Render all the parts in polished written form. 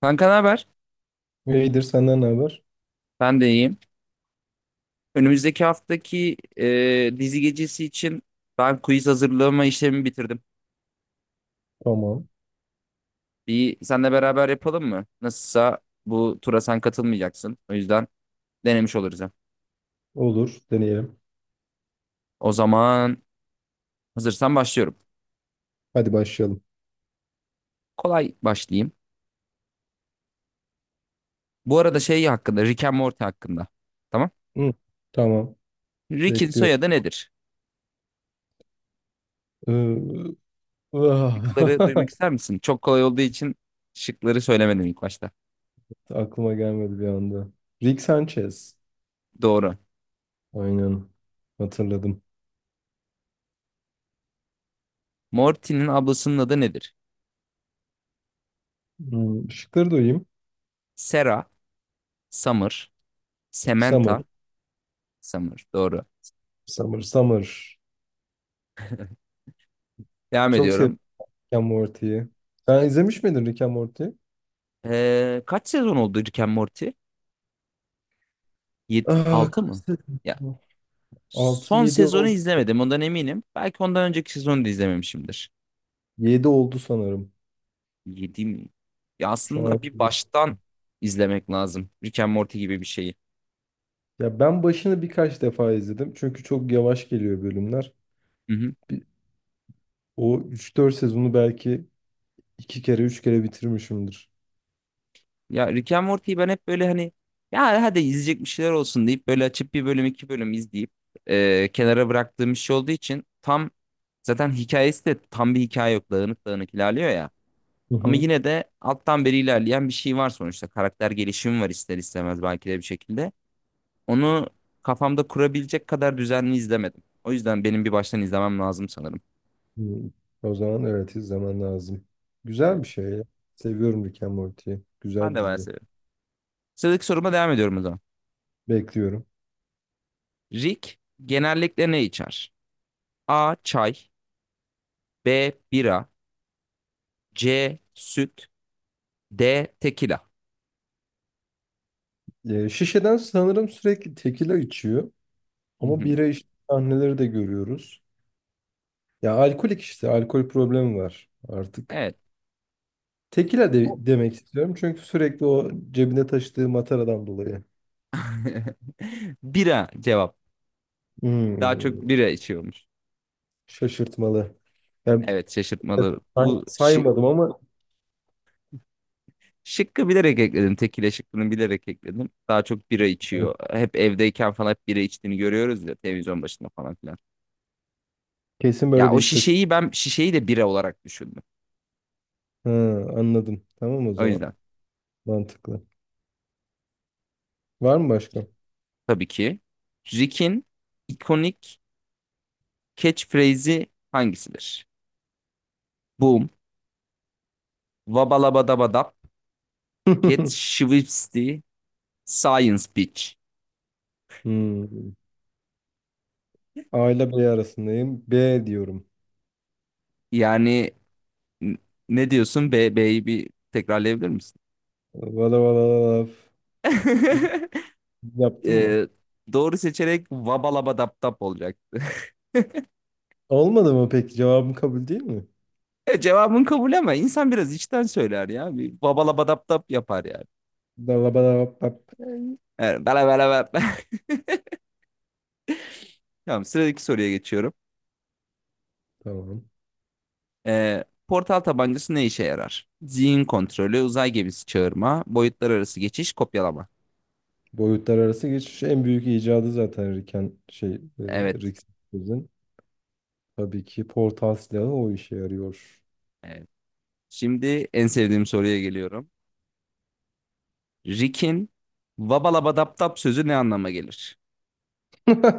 Kanka ne haber? İyidir senden ne haber? Ben de iyiyim. Önümüzdeki haftaki dizi gecesi için ben quiz hazırlama işlemimi bitirdim. Tamam. Bir senle beraber yapalım mı? Nasılsa bu tura sen katılmayacaksın. O yüzden denemiş oluruz hem. Olur. Deneyelim. O zaman hazırsan başlıyorum. Hadi başlayalım. Kolay başlayayım. Bu arada şey hakkında, Rick and Morty hakkında. Tamam. Hı, tamam. Rick'in Bekliyorum. soyadı nedir? Ee, Şıkları ah, duymak ister misin? Çok kolay olduğu için şıkları söylemedim ilk başta. Aklıma gelmedi bir anda. Rick Sanchez. Doğru. Aynen. Hatırladım. Morty'nin ablasının adı nedir? Şıkları duyayım. Sarah, Summer, Summer. Samantha. Summer. Doğru. Summer. Summer. Devam Çok sevdim ediyorum. Rick and Morty'yi. Sen izlemiş miydin Rick and Morty'yi? Kaç sezon oldu Rick and Morty? Aa, Altı kaç mı? Ya sezon? son 6-7 sezonu oldu. izlemedim ondan eminim. Belki ondan önceki sezonu da izlememişimdir. Yedi oldu sanırım. 7 mi? Ya Şu an. aslında bir baştan izlemek lazım. Rick and Morty gibi bir şeyi. Ya ben başını birkaç defa izledim. Çünkü çok yavaş geliyor bölümler. Hı hı. Bir- O üç dört sezonu belki iki kere üç kere bitirmişimdir. Ya Rick and Morty'yi ben hep böyle hani ya hadi izleyecek bir şeyler olsun deyip böyle açıp bir bölüm iki bölüm izleyip kenara bıraktığım bir şey olduğu için tam zaten hikayesi de tam bir hikaye yok. Dağınık dağınık ilerliyor ya. Hı Ama hı. yine de alttan beri ilerleyen bir şey var sonuçta. Karakter gelişimi var ister istemez belki de bir şekilde. Onu kafamda kurabilecek kadar düzenli izlemedim. O yüzden benim bir baştan izlemem lazım sanırım. Hı. O zaman evet izlemen lazım. Evet. Güzel bir şey ya. Seviyorum Rick and Morty'yi. Güzel Ben bir de bayağı dizi. seviyorum. Sıradaki soruma devam ediyorum o zaman. Bekliyorum. Rick genellikle ne içer? A. Çay, B. Bira, C. Süt, D. Tekila. Şişeden sanırım sürekli tekila içiyor. Hı Ama hı. bira içtiği sahneleri de görüyoruz. Ya alkolik işte. Alkol problemi var artık. Evet. Tekila O- de demek istiyorum. Çünkü sürekli o cebine taşıdığı mataradan dolayı. bira cevap. Daha çok Hmm, bira içiyormuş. Şaşırtmalı. Yani Evet, evet, şaşırtmalı. Bu şi- saymadım ama şıkkı bilerek ekledim. Tekile şıkkını bilerek ekledim. Daha çok bira içiyor. Hep evdeyken falan hep bira içtiğini görüyoruz ya, televizyon başında falan filan. kesin Ya böyle bir o istatistik. şişeyi ben de bira olarak düşündüm. Ha, anladım. Tamam o O zaman. yüzden Mantıklı. Var mı başka? tabii ki Rick'in ikonik catchphrase'i hangisidir? Boom, vabalabadabadap, get schwipsty, science bitch. Hmm. A ile B arasındayım. B diyorum. Yani n- ne diyorsun? B, B'yi bir tekrarlayabilir misin? Valla valla valla. İlk Yaptın mı? Ee, doğru seçerek vabalabadaptap olacak. Olmadı mı peki? Cevabım kabul değil mi? Cevabın kabul ama insan biraz içten söyler ya. Bir babala badap dap yapar yani. Dalla bala bap bap. Evet, bala bala bala. Tamam, sıradaki soruya geçiyorum. Tamam. Portal tabancası ne işe yarar? Zihin kontrolü, uzay gemisi çağırma, boyutlar arası geçiş, kopyalama. Boyutlar arası geçiş en büyük icadı zaten Riken Evet. Rick Sanchez'in. Tabii ki portal silahı o işe yarıyor. Evet. Şimdi en sevdiğim soruya geliyorum. Rick'in babala badap dap sözü ne anlama gelir?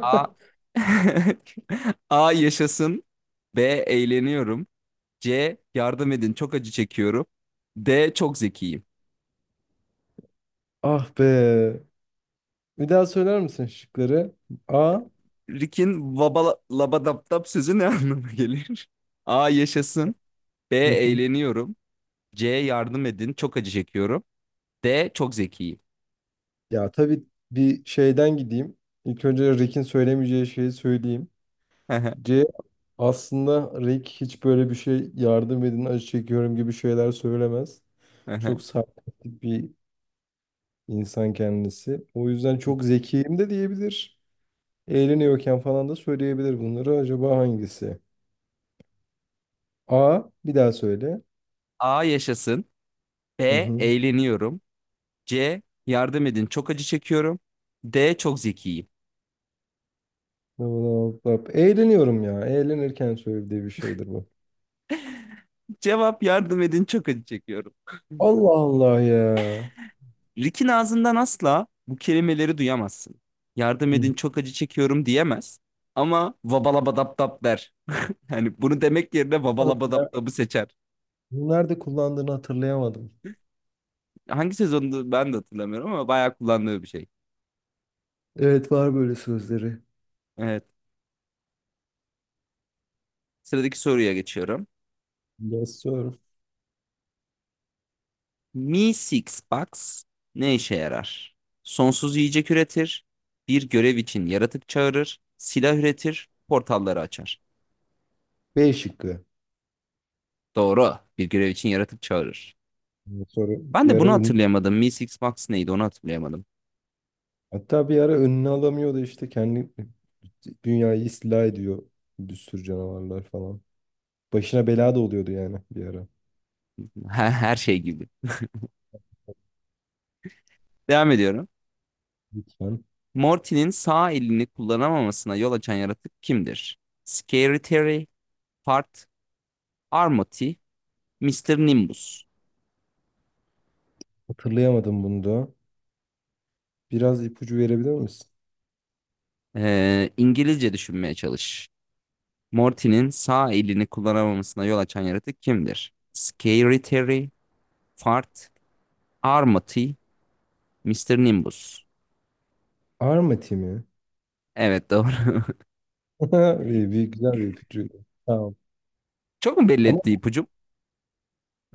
A. A. Yaşasın. B. Eğleniyorum. C. Yardım edin, çok acı çekiyorum. D. Çok zekiyim. Ah be. Bir daha söyler misin şıkları? A. Rick'in vaba labadaptap sözü ne anlama gelir? A. Yaşasın. B. Eğleniyorum. C. Yardım edin. Çok acı çekiyorum. D. Çok zekiyim. Ya tabii bir şeyden gideyim. İlk önce Rick'in söylemeyeceği şeyi söyleyeyim. C, aslında Rick hiç böyle bir şey, yardım edin acı çekiyorum gibi şeyler söylemez. Çok sarkastik bir insan kendisi. O yüzden çok zekiyim de diyebilir. Eğleniyorken falan da söyleyebilir bunları. Acaba hangisi? A bir daha söyle. A. Yaşasın. Hı B. hı. Eğleniyorum. C. Yardım edin. Çok acı çekiyorum. D. Çok zekiyim. Bla bla bla bla. Eğleniyorum ya. Eğlenirken söylediği bir şeydir bu. Cevap, yardım edin, çok acı çekiyorum. Allah Allah ya. Rick'in ağzından asla bu kelimeleri duyamazsın. Yardım Hı edin, çok acı çekiyorum diyemez. Ama vabalabadaptap der. Hani bunu demek yerine hı. vabalabadaptapı seçer. Nerede kullandığını hatırlayamadım. Hangi sezonda ben de hatırlamıyorum ama bayağı kullandığı bir şey. Evet, var böyle sözleri. Evet. Sıradaki soruya geçiyorum. Yes sir. Mi Six Box ne işe yarar? Sonsuz yiyecek üretir. Bir görev için yaratık çağırır. Silah üretir. Portalları açar. B şıkkı. Doğru. Bir görev için yaratık çağırır. Sonra Ben bir de ara bunu hatırlayamadım. Mi Six Box neydi onu hatırlayamadım. hatta bir ara önüne alamıyordu işte, kendi dünyayı istila ediyor bir sürü canavarlar falan. Başına bela da oluyordu yani bir ara. Her şey gibi. Devam ediyorum. Lütfen. Morty'nin sağ elini kullanamamasına yol açan yaratık kimdir? Scary Terry, Fart, Armoti, Mister Nimbus. Hatırlayamadım bunu da. Biraz ipucu verebilir misin? İngilizce düşünmeye çalış. Morty'nin sağ elini kullanamamasına yol açan yaratık kimdir? Scary Terry, Fart, Armoti, Mister Nimbus. Armati mi? Evet, doğru. Bir güzel bir ipucu. Tamam. Çok mu belli Ama etti ipucum?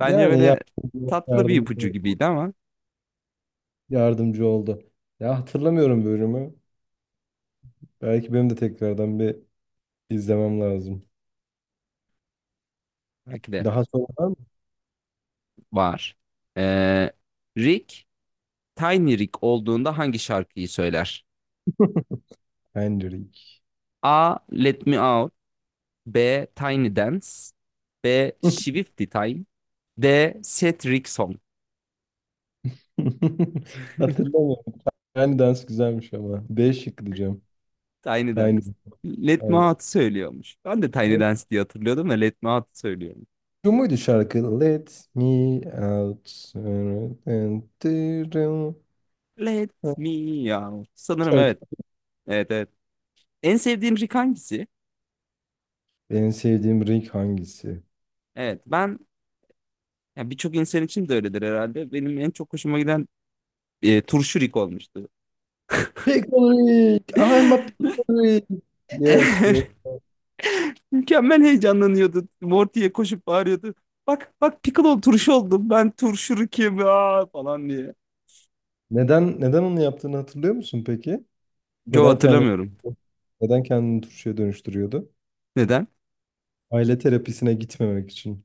Bence böyle tatlı bir yardımcı, ipucu gibiydi ama yardımcı oldu. Ya hatırlamıyorum bölümü. Belki benim de tekrardan bir izlemem lazım. belki de Daha sonra var mı? var. Ee, Rick Tiny Rick olduğunda hangi şarkıyı söyler? Hendrik. A. Let Me Out, B. Tiny Dance, B. Swifty Time, D. Set Rick Song. Hatırlamıyorum. Yani dans güzelmiş ama. B şık diyeceğim. Tiny Tiny. Dance. Let Me Aynen. Out söylüyormuş. Ben de Tiny Ne- Dance diye hatırlıyordum da Let Me Out söylüyorum. Şu muydu şarkı? Let me out. and do- Let Me Out. Sanırım Şarkı. evet. Evet, evet. En sevdiğin Rick hangisi? En sevdiğim renk hangisi? Evet, ben ya birçok insan için de öyledir herhalde. Benim en çok hoşuma giden turşu Rick olmuştu. Pickle, I'm a pickle. Yes, o. Mükemmel, heyecanlanıyordu. Morty'ye koşup bağırıyordu. Bak bak Piccolo, turşu oldum. Ben turşu, kim aa!" falan diye. Neden onu yaptığını hatırlıyor musun peki? Joe Neden kendini hatırlamıyorum. neden kendini turşuya dönüştürüyordu? Neden? Aile terapisine gitmemek için.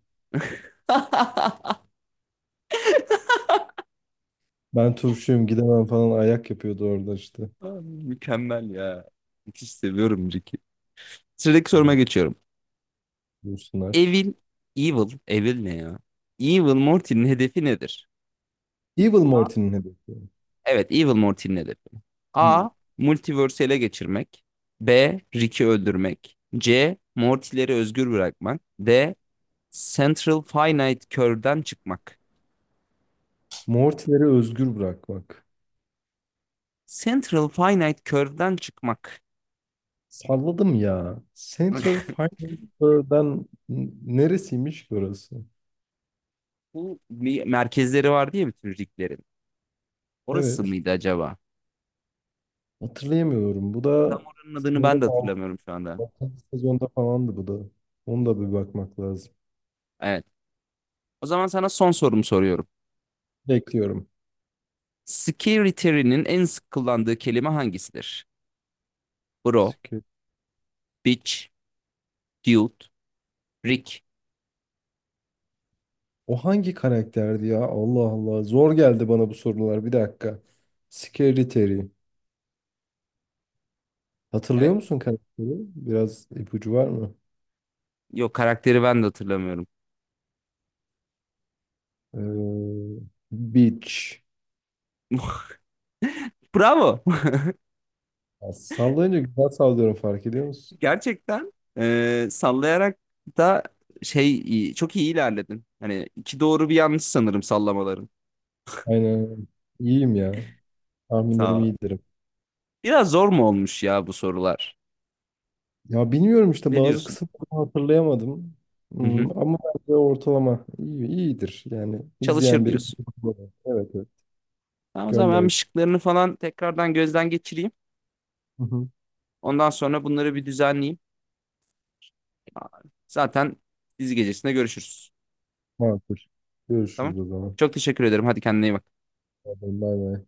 Ben turşuyum, gidemem falan ayak yapıyordu orada işte. Aa, mükemmel ya. Müthiş seviyorum Ricky. Sıradaki soruma Evet, geçiyorum. Dursunlar. Evil, Evil ne ya? Evil Morty'nin hedefi nedir? Evil Morty'nin hedefi. Evet, Evil Morty'nin hedefi. Hmm. A. Multiverse'i ele geçirmek. B. Rick'i öldürmek. C. Morty'leri özgür bırakmak. D. Central Finite Curve'den çıkmak. Morty'leri özgür bırakmak. Central Finite Curve'den çıkmak. Salladım ya. Central Fire'dan, neresiymiş ki orası? Bu bir, merkezleri var diye bütün riglerin. Orası Evet. mıydı acaba? Hatırlayamıyorum. Bu Tam da oranın adını ben sanırım de hatırlamıyorum şu anda. 6. sezonda falandı bu da. Onu da bir bakmak lazım. Evet. O zaman sana son sorumu soruyorum. Bekliyorum. Security'nin en sık kullandığı kelime hangisidir? Bro, bitch, dude, Rick. O hangi karakterdi ya? Allah Allah. Zor geldi bana bu sorular. Bir dakika. Scary Terry. Hatırlıyor Evet. musun karakteri? Biraz ipucu var mı? Yok, karakteri ben de hatırlamıyorum. Ee, Beach. Bravo. Ya sallayınca güzel sallıyorum, fark ediyor musun? Gerçekten sallayarak da çok iyi ilerledin. Hani iki doğru bir yanlış sanırım sallamaların. Aynen. İyiyim ya. Sağ Tahminlerim ol. iyidir. Biraz zor mu olmuş ya bu sorular? Ya bilmiyorum işte, Ne bazı diyorsun? kısımları hatırlayamadım. Hı hı. Ama bence ortalama iyidir. Yani Çalışır izleyen biri. diyorsun. Evet, evet. Tamam, o zaman ben Gönder. bir şıklarını falan tekrardan gözden geçireyim. Hı hı. Ondan sonra bunları bir düzenleyeyim. Zaten dizi gecesinde görüşürüz. Makul. Tamam. Görüşürüz o zaman. Çok teşekkür ederim. Hadi kendine iyi bak. Bay bay.